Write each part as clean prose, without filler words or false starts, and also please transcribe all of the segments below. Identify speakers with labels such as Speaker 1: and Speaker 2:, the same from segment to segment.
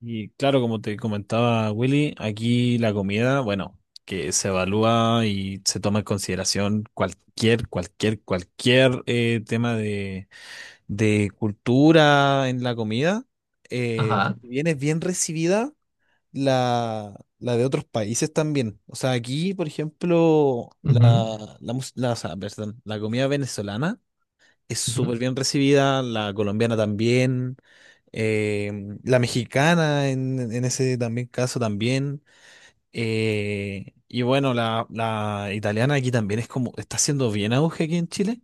Speaker 1: Y claro, como te comentaba Willy, aquí la comida, bueno, que se evalúa y se toma en consideración cualquier tema de cultura en la comida.
Speaker 2: Ajá,
Speaker 1: Si bien es bien recibida, la de otros países también. O sea, aquí, por ejemplo,
Speaker 2: ujú,
Speaker 1: la, mus- la, o sea, perdón, la comida venezolana es súper
Speaker 2: ujú,
Speaker 1: bien recibida, la colombiana también, eh, la mexicana en ese también caso también. Y bueno, la italiana aquí también es como, está haciendo bien auge aquí en Chile.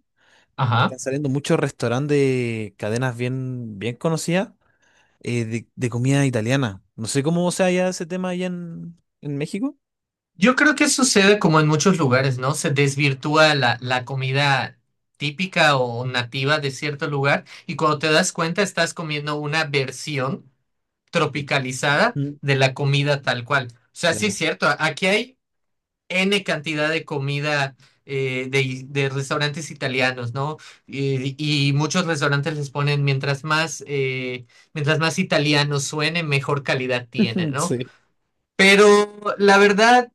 Speaker 2: ajá.
Speaker 1: Están saliendo muchos restaurantes de cadenas bien conocidas de comida italiana. No sé cómo se halla ese tema allá en México.
Speaker 2: Yo creo que sucede como en muchos lugares, ¿no? Se desvirtúa la comida típica o nativa de cierto lugar, y cuando te das cuenta estás comiendo una versión
Speaker 1: Sí.
Speaker 2: tropicalizada
Speaker 1: Ujú.
Speaker 2: de la comida tal cual. O sea, sí
Speaker 1: Claro.
Speaker 2: es cierto, aquí hay N cantidad de comida de restaurantes italianos, ¿no? Y, y muchos restaurantes les ponen mientras más, mientras más italiano suene, mejor calidad tiene, ¿no?
Speaker 1: Sí.
Speaker 2: Pero la verdad,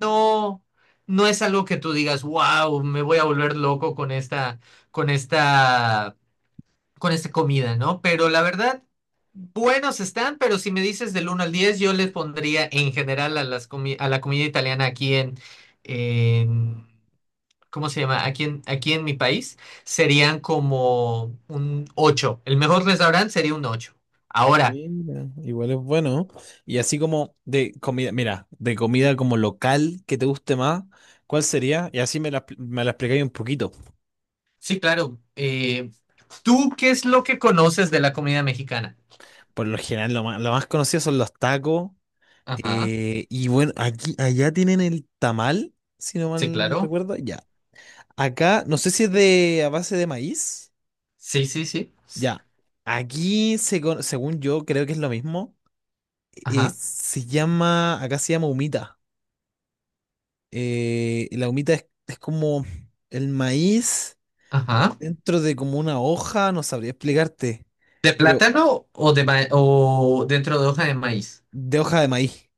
Speaker 2: no, no es algo que tú digas, wow, me voy a volver loco con con esta, con esta comida, ¿no? Pero la verdad, buenos están, pero si me dices del uno al 10, yo les pondría en general a a la comida italiana aquí en, en- ¿cómo se llama? Aquí en, aquí en mi país, serían como un ocho. El mejor restaurante sería un ocho. Ahora,
Speaker 1: Mira, igual es bueno. Y así como de comida, mira, de comida como local que te guste más, ¿cuál sería? Y así me la explicáis un poquito.
Speaker 2: sí, claro. ¿Tú qué es lo que conoces de la comida mexicana?
Speaker 1: Por lo general, lo más conocido son los tacos.
Speaker 2: Ajá.
Speaker 1: Y bueno, allá tienen el tamal, si no
Speaker 2: Sí,
Speaker 1: mal
Speaker 2: claro.
Speaker 1: recuerdo. Ya. Acá, no sé si es de a base de maíz.
Speaker 2: Sí, sí, sí.
Speaker 1: Ya. Aquí, según yo, creo que es lo mismo.
Speaker 2: Ajá.
Speaker 1: Se llama, acá se llama humita. Y la humita es como el maíz
Speaker 2: Ajá.
Speaker 1: dentro de como una hoja, no sabría explicarte,
Speaker 2: ¿De
Speaker 1: pero
Speaker 2: plátano o o dentro de hoja de maíz?
Speaker 1: de hoja de maíz,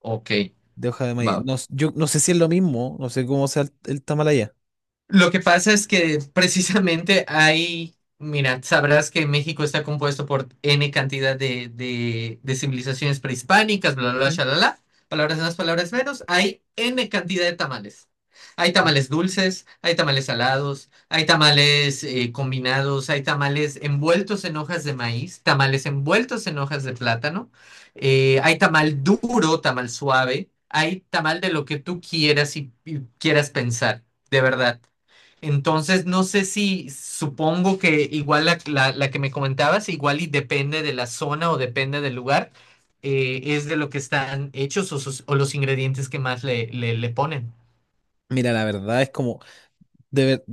Speaker 2: Ok,
Speaker 1: de hoja de maíz.
Speaker 2: va.
Speaker 1: No, yo no sé si es lo mismo, no sé cómo sea el tamal allá.
Speaker 2: Lo que pasa es que precisamente hay, mira, sabrás que México está compuesto por N cantidad de civilizaciones prehispánicas, bla, bla, bla,
Speaker 1: Ujú.
Speaker 2: shalala, palabras más, palabras menos, hay N cantidad de tamales. Hay tamales dulces, hay tamales salados, hay tamales combinados, hay tamales envueltos en hojas de maíz, tamales envueltos en hojas de plátano, hay tamal duro, tamal suave, hay tamal de lo que tú quieras y quieras pensar, de verdad. Entonces, no sé, si supongo que igual la que me comentabas, igual y depende de la zona o depende del lugar, es de lo que están hechos o, o los ingredientes que más le ponen.
Speaker 1: Mira, la verdad es como, de ver-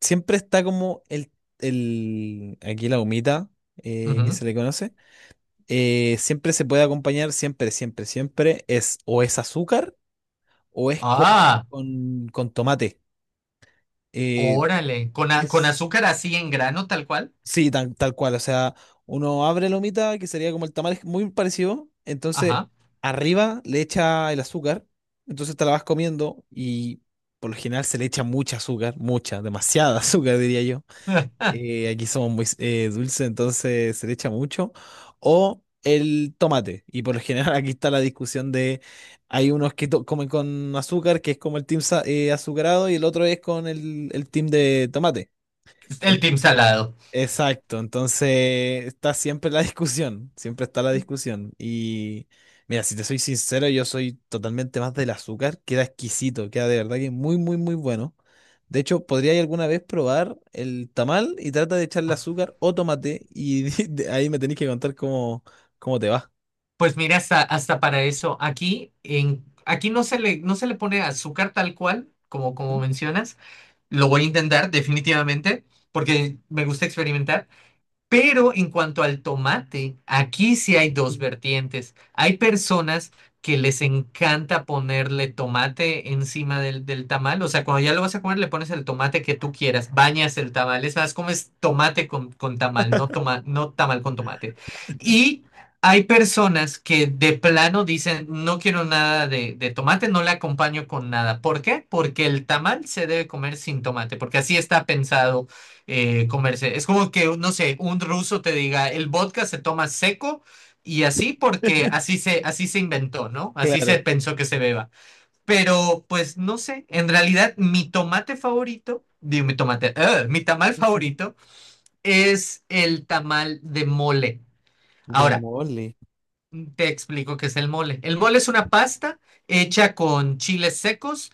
Speaker 1: siempre está como el, aquí la humita que
Speaker 2: Ujú.
Speaker 1: se le conoce, siempre se puede acompañar, siempre, siempre, siempre, es o es azúcar o es
Speaker 2: Ah,
Speaker 1: con tomate. Eh,
Speaker 2: órale, con
Speaker 1: es
Speaker 2: azúcar así en grano, tal cual.
Speaker 1: sí, tal cual. O sea, uno abre la humita, que sería como el tamal, es muy parecido. Entonces,
Speaker 2: Ajá.
Speaker 1: arriba le echa el azúcar. Entonces te la vas comiendo y por lo general se le echa mucha azúcar, mucha, demasiada azúcar, diría yo. Aquí somos muy dulces, entonces se le echa mucho. O el tomate. Y por lo general aquí está la discusión de, hay unos comen con azúcar, que es como azucarado, y el otro es con el team de tomate.
Speaker 2: El team salado.
Speaker 1: Exacto, entonces está siempre la discusión, siempre está la discusión. Y mira, si te soy sincero, yo soy totalmente más del azúcar, queda exquisito, queda de verdad que muy, muy, muy bueno. De hecho, podría alguna vez probar el tamal y trata de echarle azúcar o tomate y de ahí me tenés que contar cómo, cómo te va.
Speaker 2: Pues mira, hasta para eso. Aquí, en, aquí no se le pone azúcar tal cual, como, como mencionas. Lo voy a intentar definitivamente porque me gusta experimentar, pero en cuanto al tomate, aquí sí hay dos vertientes. Hay personas que les encanta ponerle tomate encima del tamal. O sea, cuando ya lo vas a comer, le pones el tomate que tú quieras, bañas el tamal. Es más, comes tomate con tamal, no, toma, no tamal con tomate. Y hay personas que de plano dicen, no quiero nada de tomate, no le acompaño con nada. ¿Por qué? Porque el tamal se debe comer sin tomate, porque así está pensado comerse. Es como que, no sé, un ruso te diga, el vodka se toma seco, y así, porque así se inventó, ¿no? Así se
Speaker 1: Claro.
Speaker 2: pensó que se beba. Pero pues no sé, en realidad mi tomate favorito, digo mi tomate, ¡ah! Mi tamal favorito es el tamal de mole.
Speaker 1: De
Speaker 2: Ahora,
Speaker 1: mole.
Speaker 2: te explico qué es el mole. El mole es una pasta hecha con chiles secos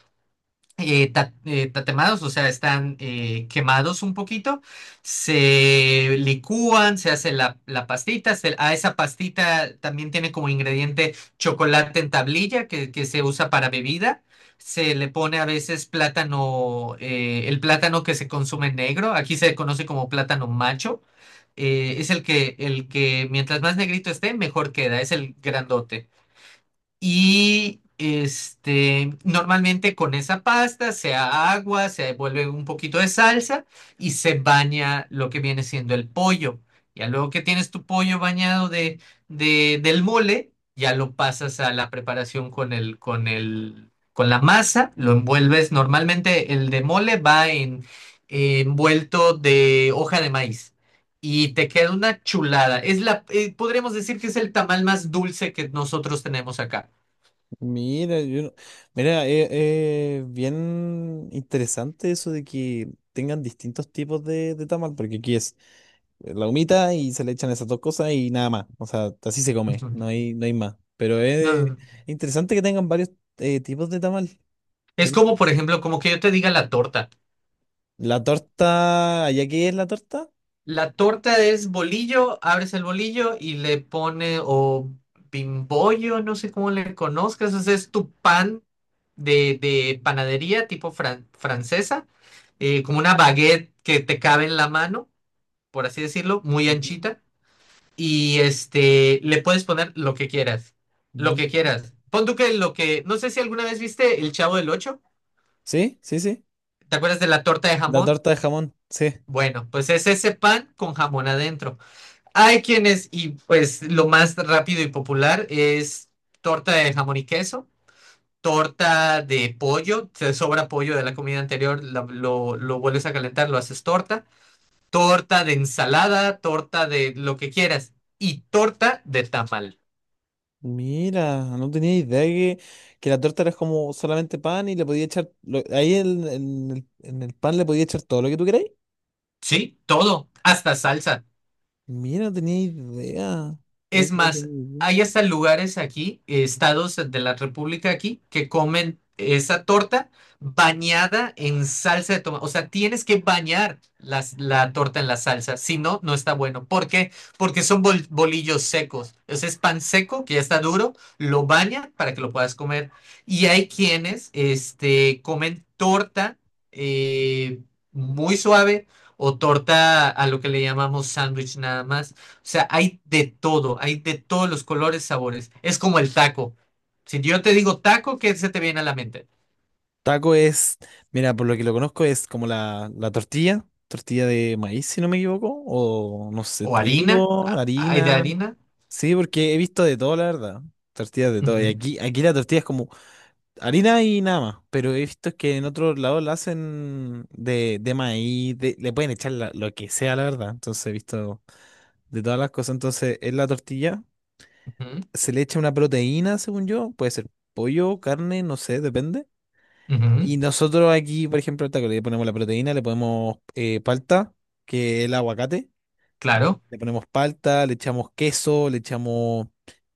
Speaker 2: tatemados, o sea, están quemados un poquito, se licúan, se hace la pastita, a esa pastita también tiene como ingrediente chocolate en tablilla que se usa para bebida, se le pone a veces plátano, el plátano que se consume negro, aquí se conoce como plátano macho, es el que, mientras más negrito esté, mejor queda, es el grandote. Y este, normalmente con esa pasta, sea agua, se devuelve un poquito de salsa y se baña lo que viene siendo el pollo. Ya luego que tienes tu pollo bañado del mole, ya lo pasas a la preparación con la masa, lo envuelves. Normalmente el de mole va envuelto de hoja de maíz. Y te queda una chulada. Podríamos decir que es el tamal más dulce que nosotros tenemos acá.
Speaker 1: Mira, yo no- mira, es bien interesante eso de que tengan distintos tipos de tamal, porque aquí es la humita y se le echan esas dos cosas y nada más. O sea, así se come,
Speaker 2: Ujú.
Speaker 1: no hay, no hay más. Pero
Speaker 2: No,
Speaker 1: es
Speaker 2: no, no.
Speaker 1: interesante que tengan varios tipos de tamal.
Speaker 2: Es
Speaker 1: Bien
Speaker 2: como, por
Speaker 1: interesante.
Speaker 2: ejemplo, como que yo te diga la torta.
Speaker 1: La torta, ¿allá qué es la torta?
Speaker 2: La torta es bolillo, abres el bolillo y le pone o bimbollo, no sé cómo le conozcas, o sea, es tu pan de panadería tipo francesa, como una baguette que te cabe en la mano, por así decirlo, muy
Speaker 1: Ujú.
Speaker 2: anchita, y este, le puedes poner lo que quieras, lo
Speaker 1: Mm.
Speaker 2: que quieras. Pon tú que lo que, no sé si alguna vez viste El Chavo del Ocho,
Speaker 1: Sí, sí, sí.
Speaker 2: ¿te acuerdas de la torta de
Speaker 1: La
Speaker 2: jamón?
Speaker 1: torta de jamón, sí.
Speaker 2: Bueno, pues es ese pan con jamón adentro. Hay quienes, y pues lo más rápido y popular es torta de jamón y queso, torta de pollo, te sobra pollo de la comida anterior, lo vuelves a calentar, lo haces torta, torta de ensalada, torta de lo que quieras y torta de tamal.
Speaker 1: Mira, no tenía idea que, que la torta era como solamente pan y le podía echar, ahí en, en el pan le podía echar todo lo que tú queráis.
Speaker 2: Sí, todo, hasta salsa.
Speaker 1: Mira, no tenía idea. No,
Speaker 2: Es
Speaker 1: no
Speaker 2: más,
Speaker 1: tenía idea.
Speaker 2: hay hasta lugares aquí, estados de la República aquí, que comen esa torta bañada en salsa de tomate. O sea, tienes que bañar la torta en la salsa, si no, no está bueno. ¿Por qué? Porque son bolillos secos. Ese es pan seco que ya está duro, lo bañan para que lo puedas comer. Y hay quienes, este, comen torta eh, muy suave o torta a lo que le llamamos sándwich nada más, sea, hay de todo, hay de todos los colores, sabores. Es como el taco. Si yo te digo taco, ¿qué se te viene a la mente?
Speaker 1: Taco es, mira, por lo que lo conozco es como la tortilla, tortilla de maíz, si no me equivoco, o no sé,
Speaker 2: ¿O harina?
Speaker 1: trigo,
Speaker 2: ¿Hay de
Speaker 1: harina.
Speaker 2: harina?
Speaker 1: Sí, porque he visto de todo, la verdad. Tortillas de todo.
Speaker 2: Ujú,
Speaker 1: Y aquí la tortilla es como harina y nada más, pero he visto que en otros lados la hacen de maíz, le pueden echar lo que sea, la verdad. Entonces he visto de todas las cosas. Entonces, en la tortilla se le echa una proteína, según yo, puede ser pollo, carne, no sé, depende.
Speaker 2: ujú,
Speaker 1: Y
Speaker 2: ujú,
Speaker 1: nosotros aquí, por ejemplo, al taco le ponemos la proteína, le ponemos palta, que es el aguacate,
Speaker 2: claro.
Speaker 1: le ponemos palta, le echamos queso, le echamos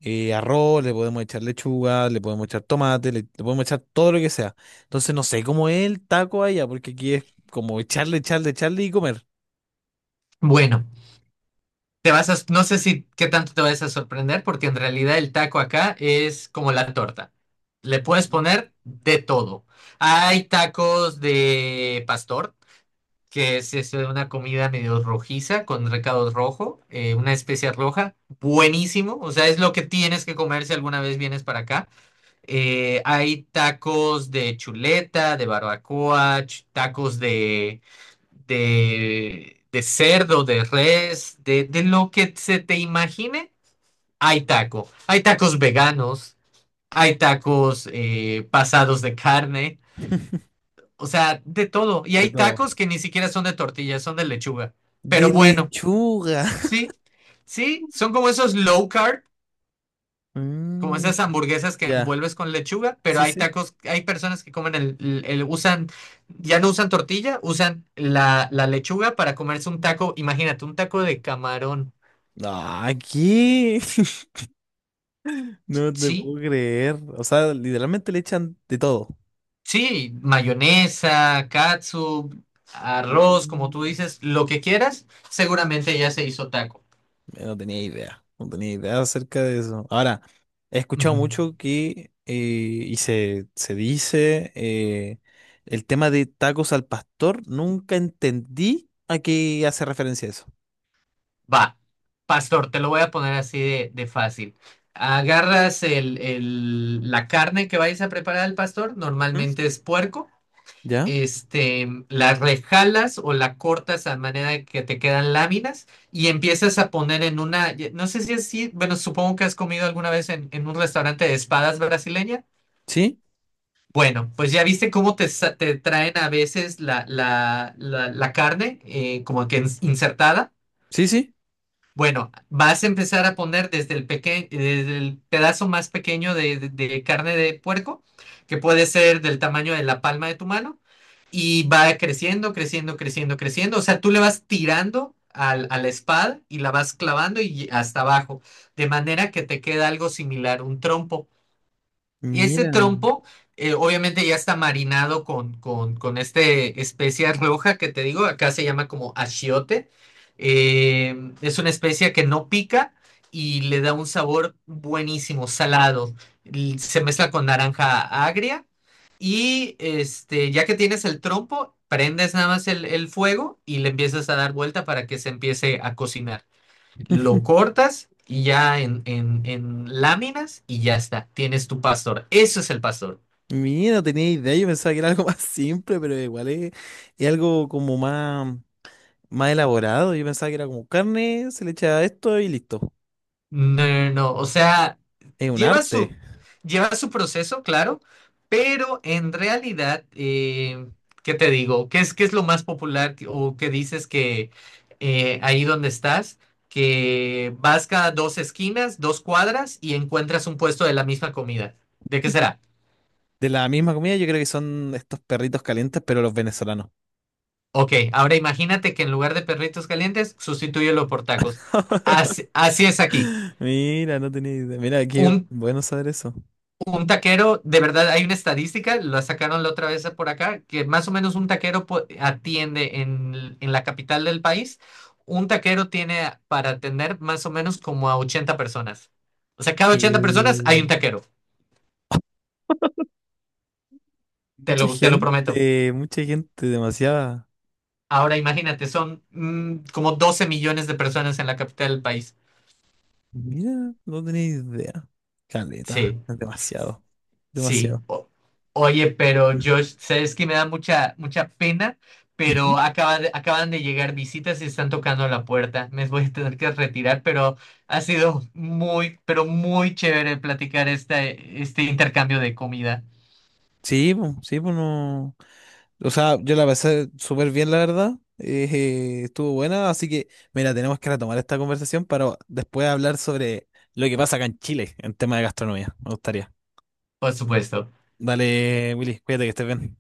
Speaker 1: arroz, le podemos echar lechuga, le podemos echar tomate, le podemos echar todo lo que sea. Entonces no sé cómo es el taco allá, porque aquí es como echarle, echarle, echarle y comer.
Speaker 2: Bueno, te vas a, no sé si qué tanto te vas a sorprender, porque en realidad el taco acá es como la torta. Le puedes
Speaker 1: Mm.
Speaker 2: poner de todo. Hay tacos de pastor, que es eso de una comida medio rojiza con recado rojo, una especia roja, buenísimo, o sea, es lo que tienes que comer si alguna vez vienes para acá. Hay tacos de chuleta, de barbacoa, tacos de cerdo, de res, de lo que se te imagine, hay taco. Hay tacos veganos, hay tacos pasados de carne. O sea, de todo. Y
Speaker 1: De
Speaker 2: hay
Speaker 1: todo.
Speaker 2: tacos que ni siquiera son de tortilla, son de lechuga.
Speaker 1: De
Speaker 2: Pero bueno,
Speaker 1: lechuga.
Speaker 2: sí, sí, son como esos low carb, como
Speaker 1: Mm,
Speaker 2: esas hamburguesas que
Speaker 1: ya.
Speaker 2: envuelves con lechuga, pero
Speaker 1: Sí,
Speaker 2: hay
Speaker 1: sí.
Speaker 2: tacos, hay personas que comen usan, ya no usan tortilla, usan la lechuga para comerse un taco, imagínate, un taco de camarón.
Speaker 1: Ah, ¿qué? No te
Speaker 2: Sí,
Speaker 1: puedo creer. O sea, literalmente le echan de todo.
Speaker 2: sí, mayonesa, catsup, arroz, como tú
Speaker 1: Mm.
Speaker 2: dices, lo que quieras, seguramente ya se hizo taco.
Speaker 1: No tenía idea, no tenía idea acerca de eso. Ahora, he escuchado
Speaker 2: Ujú.
Speaker 1: mucho que, y se dice, el tema de tacos al pastor, nunca entendí a qué hace referencia eso.
Speaker 2: Va, pastor, te lo voy a poner así de fácil. Agarras la carne que vayas a preparar al pastor,
Speaker 1: ¿Mm?
Speaker 2: normalmente es puerco,
Speaker 1: ¿Ya?
Speaker 2: este, la rejalas o la cortas a manera de que te quedan láminas y empiezas a poner en una, no sé si es así, bueno, supongo que has comido alguna vez en un restaurante de espadas brasileña.
Speaker 1: ¿Sí?
Speaker 2: Bueno, pues ya viste cómo te, te traen a veces la carne como que insertada.
Speaker 1: ¿Sí, sí?
Speaker 2: Bueno, vas a empezar a poner desde el pedazo más pequeño de carne de puerco, que puede ser del tamaño de la palma de tu mano, y va creciendo, creciendo, creciendo, creciendo. O sea, tú le vas tirando a la espada y la vas clavando y hasta abajo, de manera que te queda algo similar, un trompo. Y este
Speaker 1: Mira,
Speaker 2: trompo, obviamente ya está marinado con esta especia roja que te digo, acá se llama como achiote. Eh, es una especia que no pica y le da un sabor buenísimo, salado. Se mezcla con naranja agria y este, ya que tienes el trompo, prendes nada más el fuego y le empiezas a dar vuelta para que se empiece a cocinar, lo cortas y ya en láminas y ya está, tienes tu pastor. Eso es el pastor.
Speaker 1: mira, no tenía idea, yo pensaba que era algo más simple, pero igual es algo como más, más elaborado. Yo pensaba que era como carne, se le echa esto y listo.
Speaker 2: No, no, no, o sea,
Speaker 1: Es un
Speaker 2: lleva
Speaker 1: arte.
Speaker 2: su, lleva su proceso, claro, pero en realidad, ¿qué te digo? ¿Qué es lo más popular que- o qué dices que ahí donde estás? Que vas cada dos esquinas, dos cuadras y encuentras un puesto de la misma comida. ¿De qué será?
Speaker 1: De la misma comida, yo creo que son estos perritos calientes, pero los venezolanos.
Speaker 2: Ok, ahora imagínate que en lugar de perritos calientes, sustitúyelo por tacos. Así, así es aquí.
Speaker 1: Mira, no tenía idea. Mira, qué
Speaker 2: Un,
Speaker 1: bueno saber eso.
Speaker 2: un taquero, de verdad, hay una estadística, la sacaron la otra vez por acá, que más o menos un taquero atiende en la capital del país, un taquero tiene para atender más o menos como a 80 personas. O sea, cada 80 personas hay un
Speaker 1: Que...
Speaker 2: taquero, te lo prometo.
Speaker 1: Mucha gente, demasiada.
Speaker 2: Ahora imagínate, son como 12 millones de personas en la capital del país.
Speaker 1: Mira, no tenía idea. Caleta,
Speaker 2: Sí.
Speaker 1: demasiado,
Speaker 2: Sí,
Speaker 1: demasiado.
Speaker 2: o- oye, pero Josh, sabes que me da mucha, mucha pena,
Speaker 1: Ujú.
Speaker 2: pero acaban de llegar visitas y están tocando la puerta. Me voy a tener que retirar, pero ha sido muy, pero muy chévere platicar este intercambio de comida,
Speaker 1: Sí, pues no. O sea, yo la pasé súper bien, la verdad. Estuvo buena, así que, mira, tenemos que retomar esta conversación para después hablar sobre lo que pasa acá en Chile en tema de gastronomía. Me gustaría.
Speaker 2: por supuesto.
Speaker 1: Dale, Willy, cuídate que estés bien.